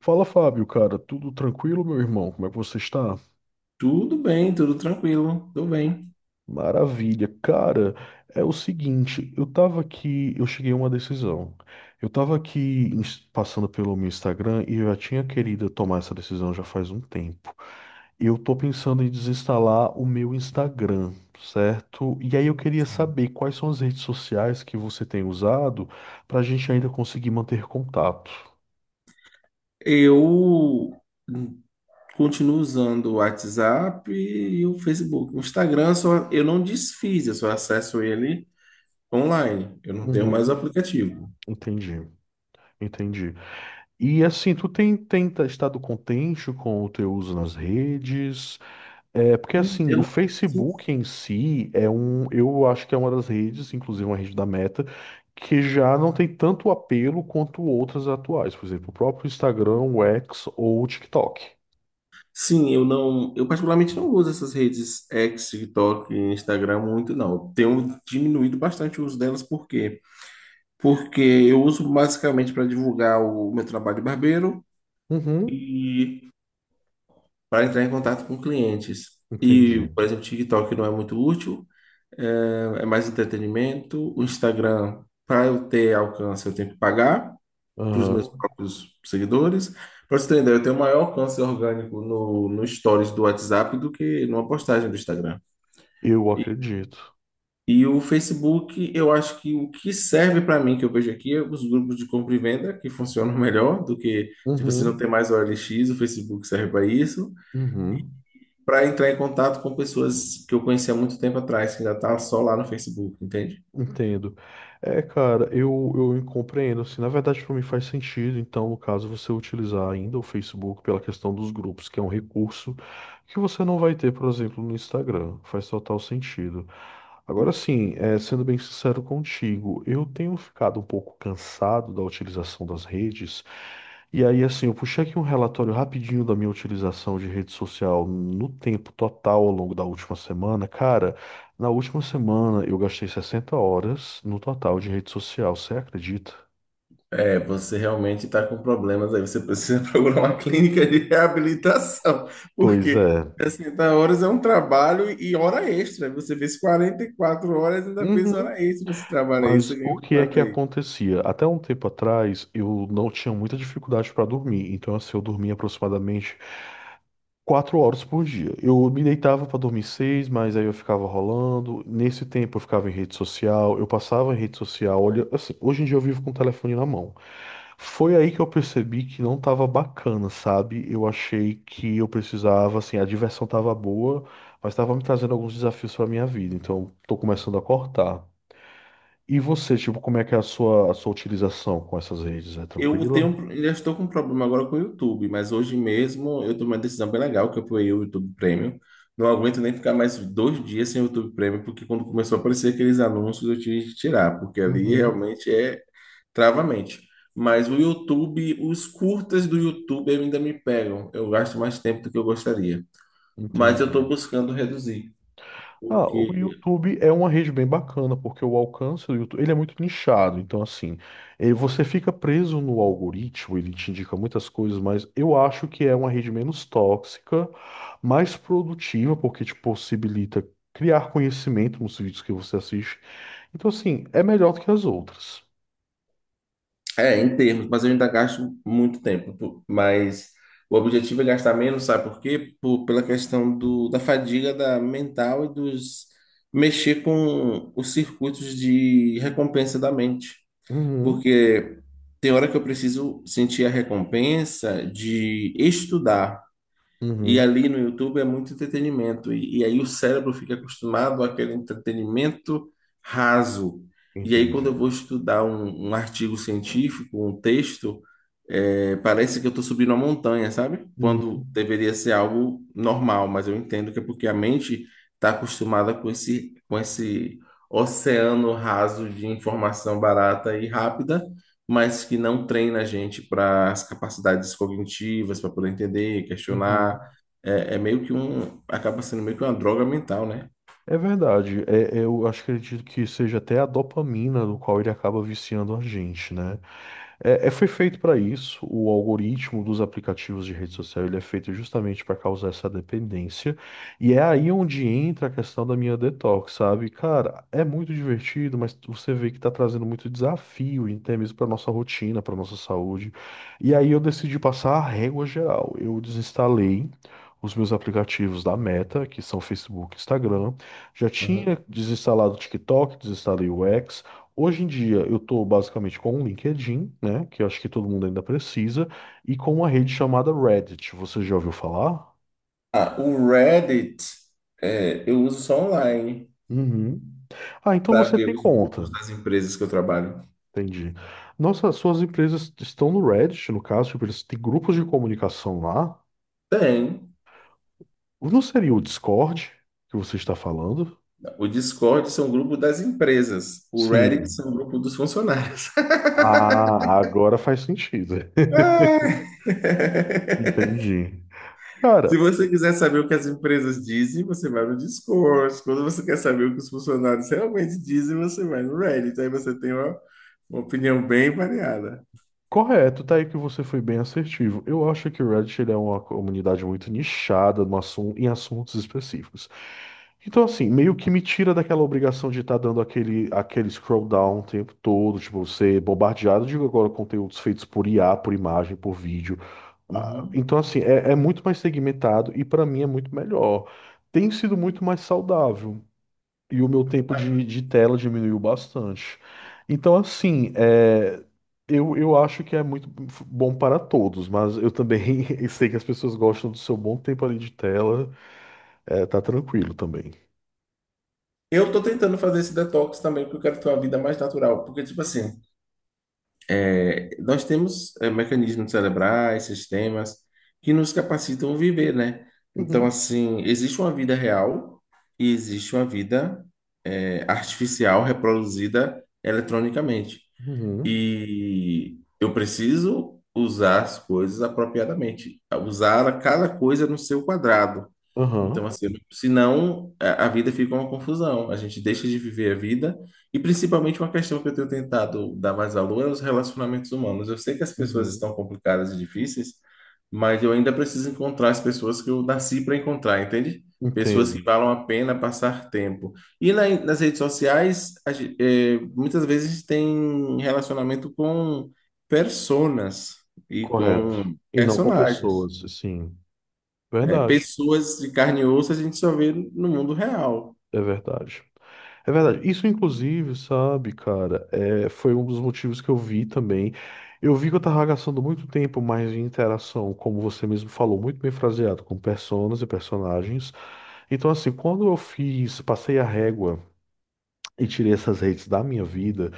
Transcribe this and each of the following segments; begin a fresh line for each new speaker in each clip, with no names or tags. Fala, Fábio, cara, tudo tranquilo, meu irmão? Como é que você está?
Tudo bem, tudo tranquilo, tudo bem.
Maravilha. Cara, é o seguinte, eu tava aqui, eu cheguei a uma decisão. Eu tava aqui passando pelo meu Instagram e eu já tinha querido tomar essa decisão já faz um tempo. Eu tô pensando em desinstalar o meu Instagram, certo? E aí eu queria
Sim.
saber quais são as redes sociais que você tem usado pra gente ainda conseguir manter contato.
Eu continuo usando o WhatsApp e o Facebook. O Instagram só, eu não desfiz, eu só acesso ele online. Eu não tenho mais o
Uhum.
aplicativo.
Entendi, entendi. E assim, tu tem, tem tá- estado contente com o teu uso nas redes? É, porque assim,
Eu
o
não- Sim,
Facebook em si eu acho que é uma das redes, inclusive uma rede da Meta, que já não tem tanto apelo quanto outras atuais, por exemplo, o próprio Instagram, o X ou o TikTok.
sim, eu particularmente não uso essas redes X, TikTok e Instagram muito, não. Eu tenho diminuído bastante o uso delas, por quê? Porque eu uso basicamente para divulgar o meu trabalho de barbeiro
Uhum,
e para entrar em contato com clientes. E,
entendi.
por exemplo, o TikTok não é muito útil, é mais entretenimento. O Instagram, para eu ter alcance, eu tenho que pagar para os meus
Aham,
próprios seguidores. Para você ter uma ideia, eu tenho maior alcance orgânico no Stories do WhatsApp do que numa postagem do Instagram.
eu acredito.
E o Facebook, eu acho que o que serve para mim, que eu vejo aqui, é os grupos de compra e venda, que funcionam melhor do que, se você não
Uhum,
tem mais OLX, o Facebook serve para isso.
uhum.
Para entrar em contato com pessoas que eu conhecia há muito tempo atrás, que ainda tá só lá no Facebook, entende?
Entendo. É, cara, eu compreendo, assim, na verdade para mim faz sentido, então, no caso, você utilizar ainda o Facebook pela questão dos grupos, que é um recurso que você não vai ter, por exemplo, no Instagram, faz total sentido. Agora sim, é, sendo bem sincero contigo, eu tenho ficado um pouco cansado da utilização das redes, e aí, assim, eu puxei aqui um relatório rapidinho da minha utilização de rede social no tempo total ao longo da última semana. Cara, na última semana eu gastei 60 horas no total de rede social, você acredita?
É, você realmente está com problemas aí, você precisa procurar uma clínica de reabilitação,
Pois
porque
é.
60 horas é um trabalho e hora extra. Você fez 44 horas e ainda fez
Uhum.
hora extra nesse trabalho aí, você
Mas o
ganhou
que é
quanto
que
aí?
acontecia? Até um tempo atrás eu não tinha muita dificuldade para dormir, então assim, eu dormia aproximadamente 4 horas por dia. Eu me deitava para dormir seis, mas aí eu ficava rolando. Nesse tempo eu ficava em rede social, eu passava em rede social. Olha, assim, hoje em dia eu vivo com o telefone na mão. Foi aí que eu percebi que não tava bacana, sabe? Eu achei que eu precisava, assim, a diversão tava boa, mas tava me trazendo alguns desafios para minha vida, então tô começando a cortar. E você, tipo, como é que é a sua utilização com essas redes? É
Eu tenho,
tranquila?
ainda estou com um problema agora com o YouTube, mas hoje mesmo eu tomei uma decisão bem legal, que eu apoiei o YouTube Premium. Não aguento nem ficar mais dois dias sem o YouTube Premium, porque quando começou a aparecer aqueles anúncios eu tive que tirar, porque ali
Uhum,
realmente é travamente. Mas o YouTube, os curtas do YouTube ainda me pegam. Eu gasto mais tempo do que eu gostaria. Mas eu estou
entendi.
buscando reduzir,
Ah, o
porque
YouTube é uma rede bem bacana, porque o alcance do YouTube, ele é muito nichado, então assim, você fica preso no algoritmo, ele te indica muitas coisas, mas eu acho que é uma rede menos tóxica, mais produtiva, porque te possibilita criar conhecimento nos vídeos que você assiste. Então assim, é melhor do que as outras.
é, em termos, mas eu ainda gasto muito tempo, pô. Mas o objetivo é gastar menos, sabe por quê? Pela questão do, da fadiga da mental e dos mexer com os circuitos de recompensa da mente.
Uhum,
Porque tem hora que eu preciso sentir a recompensa de estudar. E
uhum,
ali no YouTube é muito entretenimento. E aí o cérebro fica acostumado àquele entretenimento raso. E aí, quando eu
entendi.
vou estudar um artigo científico, um texto, é, parece que eu estou subindo uma montanha, sabe?
Uhum,
Quando deveria ser algo normal, mas eu entendo que é porque a mente está acostumada com esse oceano raso de informação barata e rápida, mas que não treina a gente para as capacidades cognitivas, para poder entender, questionar,
uhum.
é meio que um. Acaba sendo meio que uma droga mental, né?
É verdade. É, eu acho que acredito que seja até a dopamina no qual ele acaba viciando a gente, né? É, foi feito para isso. O algoritmo dos aplicativos de rede social ele é feito justamente para causar essa dependência. E é aí onde entra a questão da minha detox, sabe? Cara, é muito divertido, mas você vê que está trazendo muito desafio, e até mesmo para nossa rotina, para nossa saúde. E aí eu decidi passar a régua geral. Eu desinstalei os meus aplicativos da Meta, que são Facebook e Instagram. Já
Uhum.
tinha desinstalado o TikTok, desinstalei o X. Hoje em dia eu estou basicamente com o LinkedIn, né, que eu acho que todo mundo ainda precisa, e com uma rede chamada Reddit. Você já ouviu falar?
Ah, o Reddit, é, eu uso só online
Uhum. Ah, então
para
você
ver
tem
os grupos
conta.
das empresas que eu trabalho.
Entendi. Nossa, suas empresas estão no Reddit, no caso, tipo, eles têm grupos de comunicação lá.
Tem.
Não seria o Discord que você está falando?
O Discord são grupos das empresas. O Reddit
Sim.
são um grupo dos funcionários.
Ah, agora faz sentido.
Ai.
Entendi.
Se
Cara,
você quiser saber o que as empresas dizem, você vai no Discord. Quando você quer saber o que os funcionários realmente dizem, você vai no Reddit. Aí você tem uma opinião bem variada.
correto, tá aí que você foi bem assertivo. Eu acho que o Reddit ele é uma comunidade muito nichada no assun- em assuntos específicos. Então, assim, meio que me tira daquela obrigação de estar dando aquele scroll down o tempo todo, tipo, ser bombardeado de agora conteúdos feitos por IA, por imagem, por vídeo. Ah,
Uhum.
então, assim, é, é muito mais segmentado e para mim é muito melhor. Tem sido muito mais saudável. E o meu tempo de tela diminuiu bastante. Então, assim, é, eu acho que é muito bom para todos, mas eu também sei que as pessoas gostam do seu bom tempo ali de tela, é, tá tranquilo também.
Eu tô tentando fazer esse detox também, porque eu quero ter uma vida mais natural. Porque, tipo assim, é, nós temos é, mecanismos cerebrais, sistemas que nos capacitam a viver, né? Então,
Uhum,
assim, existe uma vida real e existe uma vida é, artificial reproduzida eletronicamente.
uhum,
E eu preciso usar as coisas apropriadamente, usar cada coisa no seu quadrado. Então,
aham,
assim, senão a vida fica uma confusão. A gente deixa de viver a vida, e principalmente uma questão que eu tenho tentado dar mais valor é os relacionamentos humanos. Eu sei que as pessoas
uhum,
estão complicadas e difíceis, mas eu ainda preciso encontrar as pessoas que eu nasci para encontrar, entende? Pessoas que
entendo,
valam a pena passar tempo. E nas redes sociais, muitas vezes a gente tem relacionamento com personas e
correto.
com
E não com
personagens.
pessoas, sim.
É,
Verdade,
pessoas de carne e osso a gente só vê no mundo real.
é verdade. É verdade. Isso, inclusive, sabe, cara, é, foi um dos motivos que eu vi também. Eu vi que eu tava gastando muito tempo mais em interação, como você mesmo falou, muito bem fraseado, com personas e personagens. Então, assim, quando eu fiz, passei a régua e tirei essas redes da minha vida,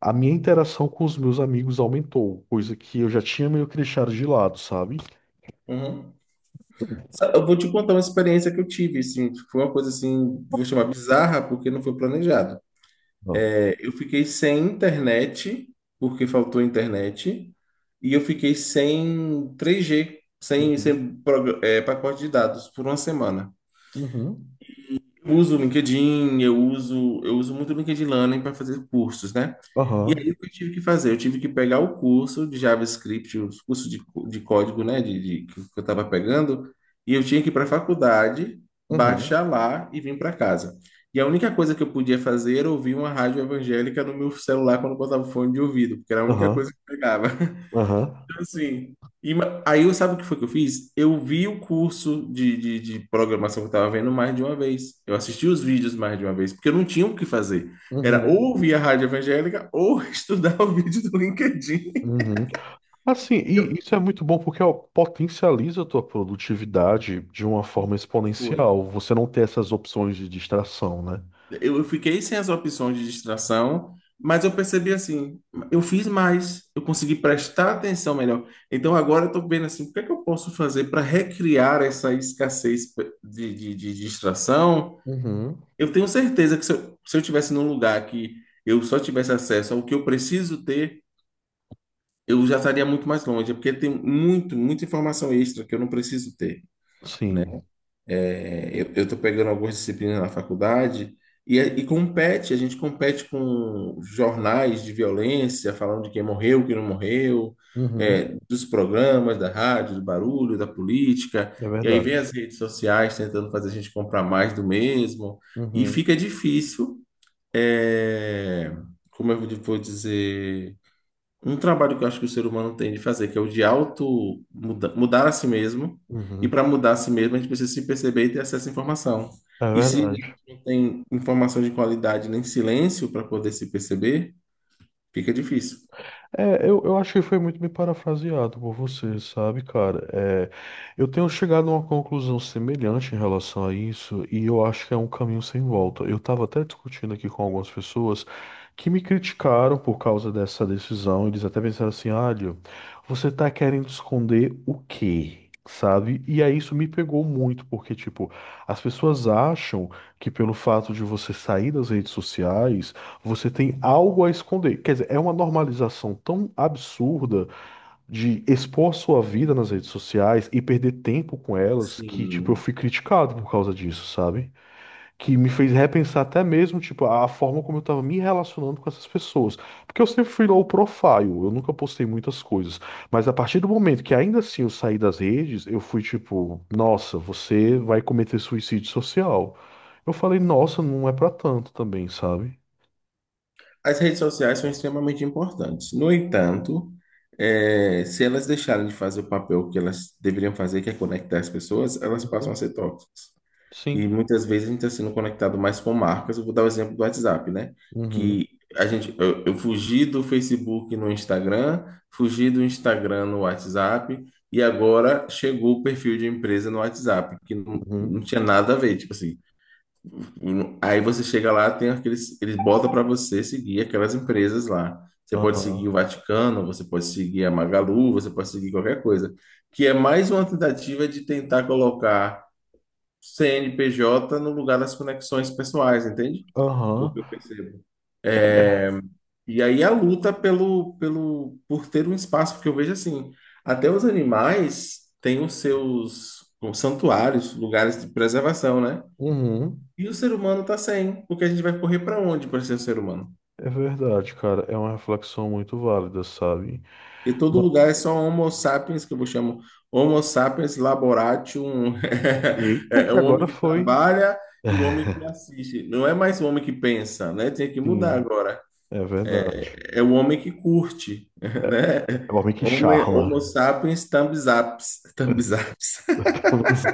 a minha interação com os meus amigos aumentou, coisa que eu já tinha meio que deixado de lado, sabe?
Uhum. Eu vou te contar uma experiência que eu tive, assim, foi uma coisa assim, vou chamar bizarra, porque não foi planejado.
Não.
É, eu fiquei sem internet, porque faltou internet, e eu fiquei sem 3G, sem,
Uhum.
sem pacote de dados por uma semana.
Uhum.
Eu uso o LinkedIn, eu uso muito o LinkedIn Learning para fazer cursos, né? E aí
Aham.
o que eu tive que fazer? Eu tive que pegar o curso de JavaScript, o curso de, de código, né, que eu estava pegando, e eu tinha que ir para a faculdade,
Uhum.
baixar lá e vir para casa. E a única coisa que eu podia fazer era ouvir uma rádio evangélica no meu celular quando eu botava o fone de ouvido, porque era a única coisa
Aham.
que eu pegava.
Aham.
Então, assim, aí, eu sabe o que foi que eu fiz? Eu vi o curso de programação que eu tava vendo mais de uma vez. Eu assisti os vídeos mais de uma vez, porque eu não tinha o que fazer. Era ou
Uhum.
ouvir a rádio evangélica ou estudar o vídeo do LinkedIn.
Uhum. Assim,
E
e
eu-
isso é muito bom porque ó, potencializa a tua produtividade de uma forma
Foi.
exponencial. Você não tem essas opções de distração, né?
Eu fiquei sem as opções de distração, mas eu percebi assim, eu fiz mais, eu consegui prestar atenção melhor. Então agora eu estou vendo assim, o que é que eu posso fazer para recriar essa escassez de distração?
Uhum,
Eu tenho certeza que se eu tivesse num lugar que eu só tivesse acesso ao que eu preciso ter, eu já estaria muito mais longe, porque tem muito, muita informação extra que eu não preciso ter, né?
sim,
É, eu estou pegando algumas disciplinas na faculdade, e compete, a gente compete com jornais de violência, falando de quem morreu, quem não morreu,
uhum,
é, dos programas, da rádio, do barulho, da política,
é
e aí vem
verdade.
as redes sociais tentando fazer a gente comprar mais do mesmo, e
Uhum.
fica difícil é, como eu vou dizer, um trabalho que eu acho que o ser humano tem de fazer, que é o de auto mudar a si mesmo. E
Uhum,
para mudar a si mesmo, a gente precisa se perceber e ter acesso à informação.
é
E se
verdade.
a gente não tem informação de qualidade nem silêncio para poder se perceber, fica difícil.
É, eu acho que foi muito bem parafraseado por você, sabe, cara? É, eu tenho chegado a uma conclusão semelhante em relação a isso, e eu acho que é um caminho sem volta. Eu estava até discutindo aqui com algumas pessoas que me criticaram por causa dessa decisão. Eles até pensaram assim: olha, você tá querendo esconder o quê? Sabe? E aí isso me pegou muito, porque, tipo, as pessoas acham que pelo fato de você sair das redes sociais. Você tem algo a esconder. Quer dizer, é uma normalização tão absurda de expor sua vida nas redes sociais e perder tempo com elas que, tipo, eu
Sim.
fui criticado por causa disso, sabe? Que me fez repensar até mesmo, tipo, a forma como eu tava me relacionando com essas pessoas. Porque eu sempre fui low profile, eu nunca postei muitas coisas. Mas a partir do momento que ainda assim eu saí das redes, eu fui tipo, nossa, você vai cometer suicídio social. Eu falei, nossa, não é pra tanto também, sabe?
As redes sociais são extremamente importantes. No entanto, é, se elas deixarem de fazer o papel que elas deveriam fazer, que é conectar as pessoas, elas passam a ser tóxicas. E
Sim.
muitas vezes a gente está sendo conectado mais com marcas. Eu vou dar o exemplo do WhatsApp, né?
Uhum,
Que a gente, eu fugi do Facebook no Instagram, fugi do Instagram no WhatsApp, e agora chegou o perfil de empresa no WhatsApp, que não, não
uhum,
tinha nada a ver. Tipo assim, aí você chega lá, tem aqueles, eles botam para você seguir aquelas empresas lá. Você pode seguir
aham,
o Vaticano, você pode seguir a Magalu, você pode seguir qualquer coisa. Que é mais uma tentativa de tentar colocar CNPJ no lugar das conexões pessoais, entende?
aham,
O que eu percebo. É, e aí a luta por ter um espaço, porque eu vejo assim, até os animais têm os seus os santuários, lugares de preservação, né?
uhum.
E o ser humano tá sem, porque a gente vai correr para onde para ser ser humano?
É verdade, cara. É uma reflexão muito válida, sabe?
Porque todo
Ma-
lugar é só Homo sapiens, que eu chamo Homo sapiens laboratium,
Eita,
é
que
o homem
agora
que
foi.
trabalha e o homem que assiste, não é mais o homem que pensa, né? Tem que mudar
Sim,
agora.
é verdade.
É o homem que curte, né?
É o homem que
Homo
charla.
sapiens thumbs ups. Thumbs ups.
Talvez.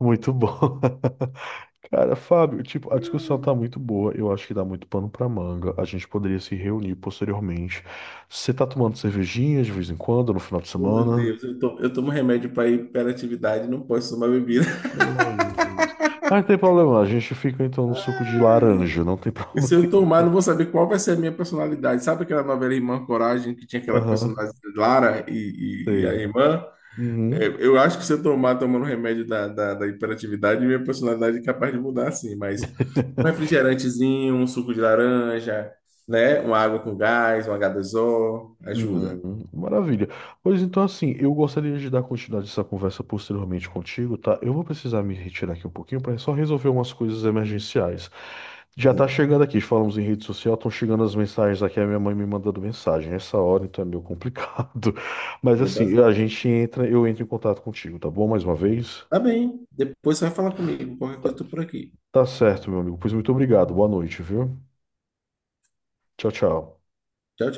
Muito bom. Cara, Fábio, tipo, a discussão tá muito boa. Eu acho que dá muito pano pra manga. A gente poderia se reunir posteriormente. Você tá tomando cervejinha de vez em quando, no final de
Oh, meu
semana?
Deus, eu tomo remédio para hiperatividade, não posso tomar bebida.
Oh, Jesus. Mas não tem problema, a gente fica então no suco de laranja, não tem
E se
problema.
eu tomar, não vou saber qual vai ser a minha personalidade. Sabe aquela novela Irmã Coragem, que tinha aquela personagem
Aham,
de Lara e a
sei.
irmã? É,
Uhum.
eu acho que se eu tomar tomando remédio da hiperatividade, minha personalidade é capaz de mudar, sim, mas um refrigerantezinho, um suco de laranja, né? Uma água com gás, um H2O, ajuda.
Uhum, maravilha. Pois então, assim, eu gostaria de dar continuidade a essa conversa posteriormente contigo, tá? Eu vou precisar me retirar aqui um pouquinho para só resolver umas coisas emergenciais. Já tá
Sim,
chegando aqui, falamos em rede social, estão chegando as mensagens aqui, a minha mãe me mandando mensagem. Essa hora, então, é meio complicado. Mas
dia das
assim, a
mãos.
gente entra, eu entro em contato contigo, tá bom? Mais uma vez.
Tá bem, depois você vai falar comigo, qualquer coisa eu tô por aqui.
Tá certo, meu amigo. Pois muito obrigado. Boa noite, viu? Tchau, tchau.
Tchau, tchau.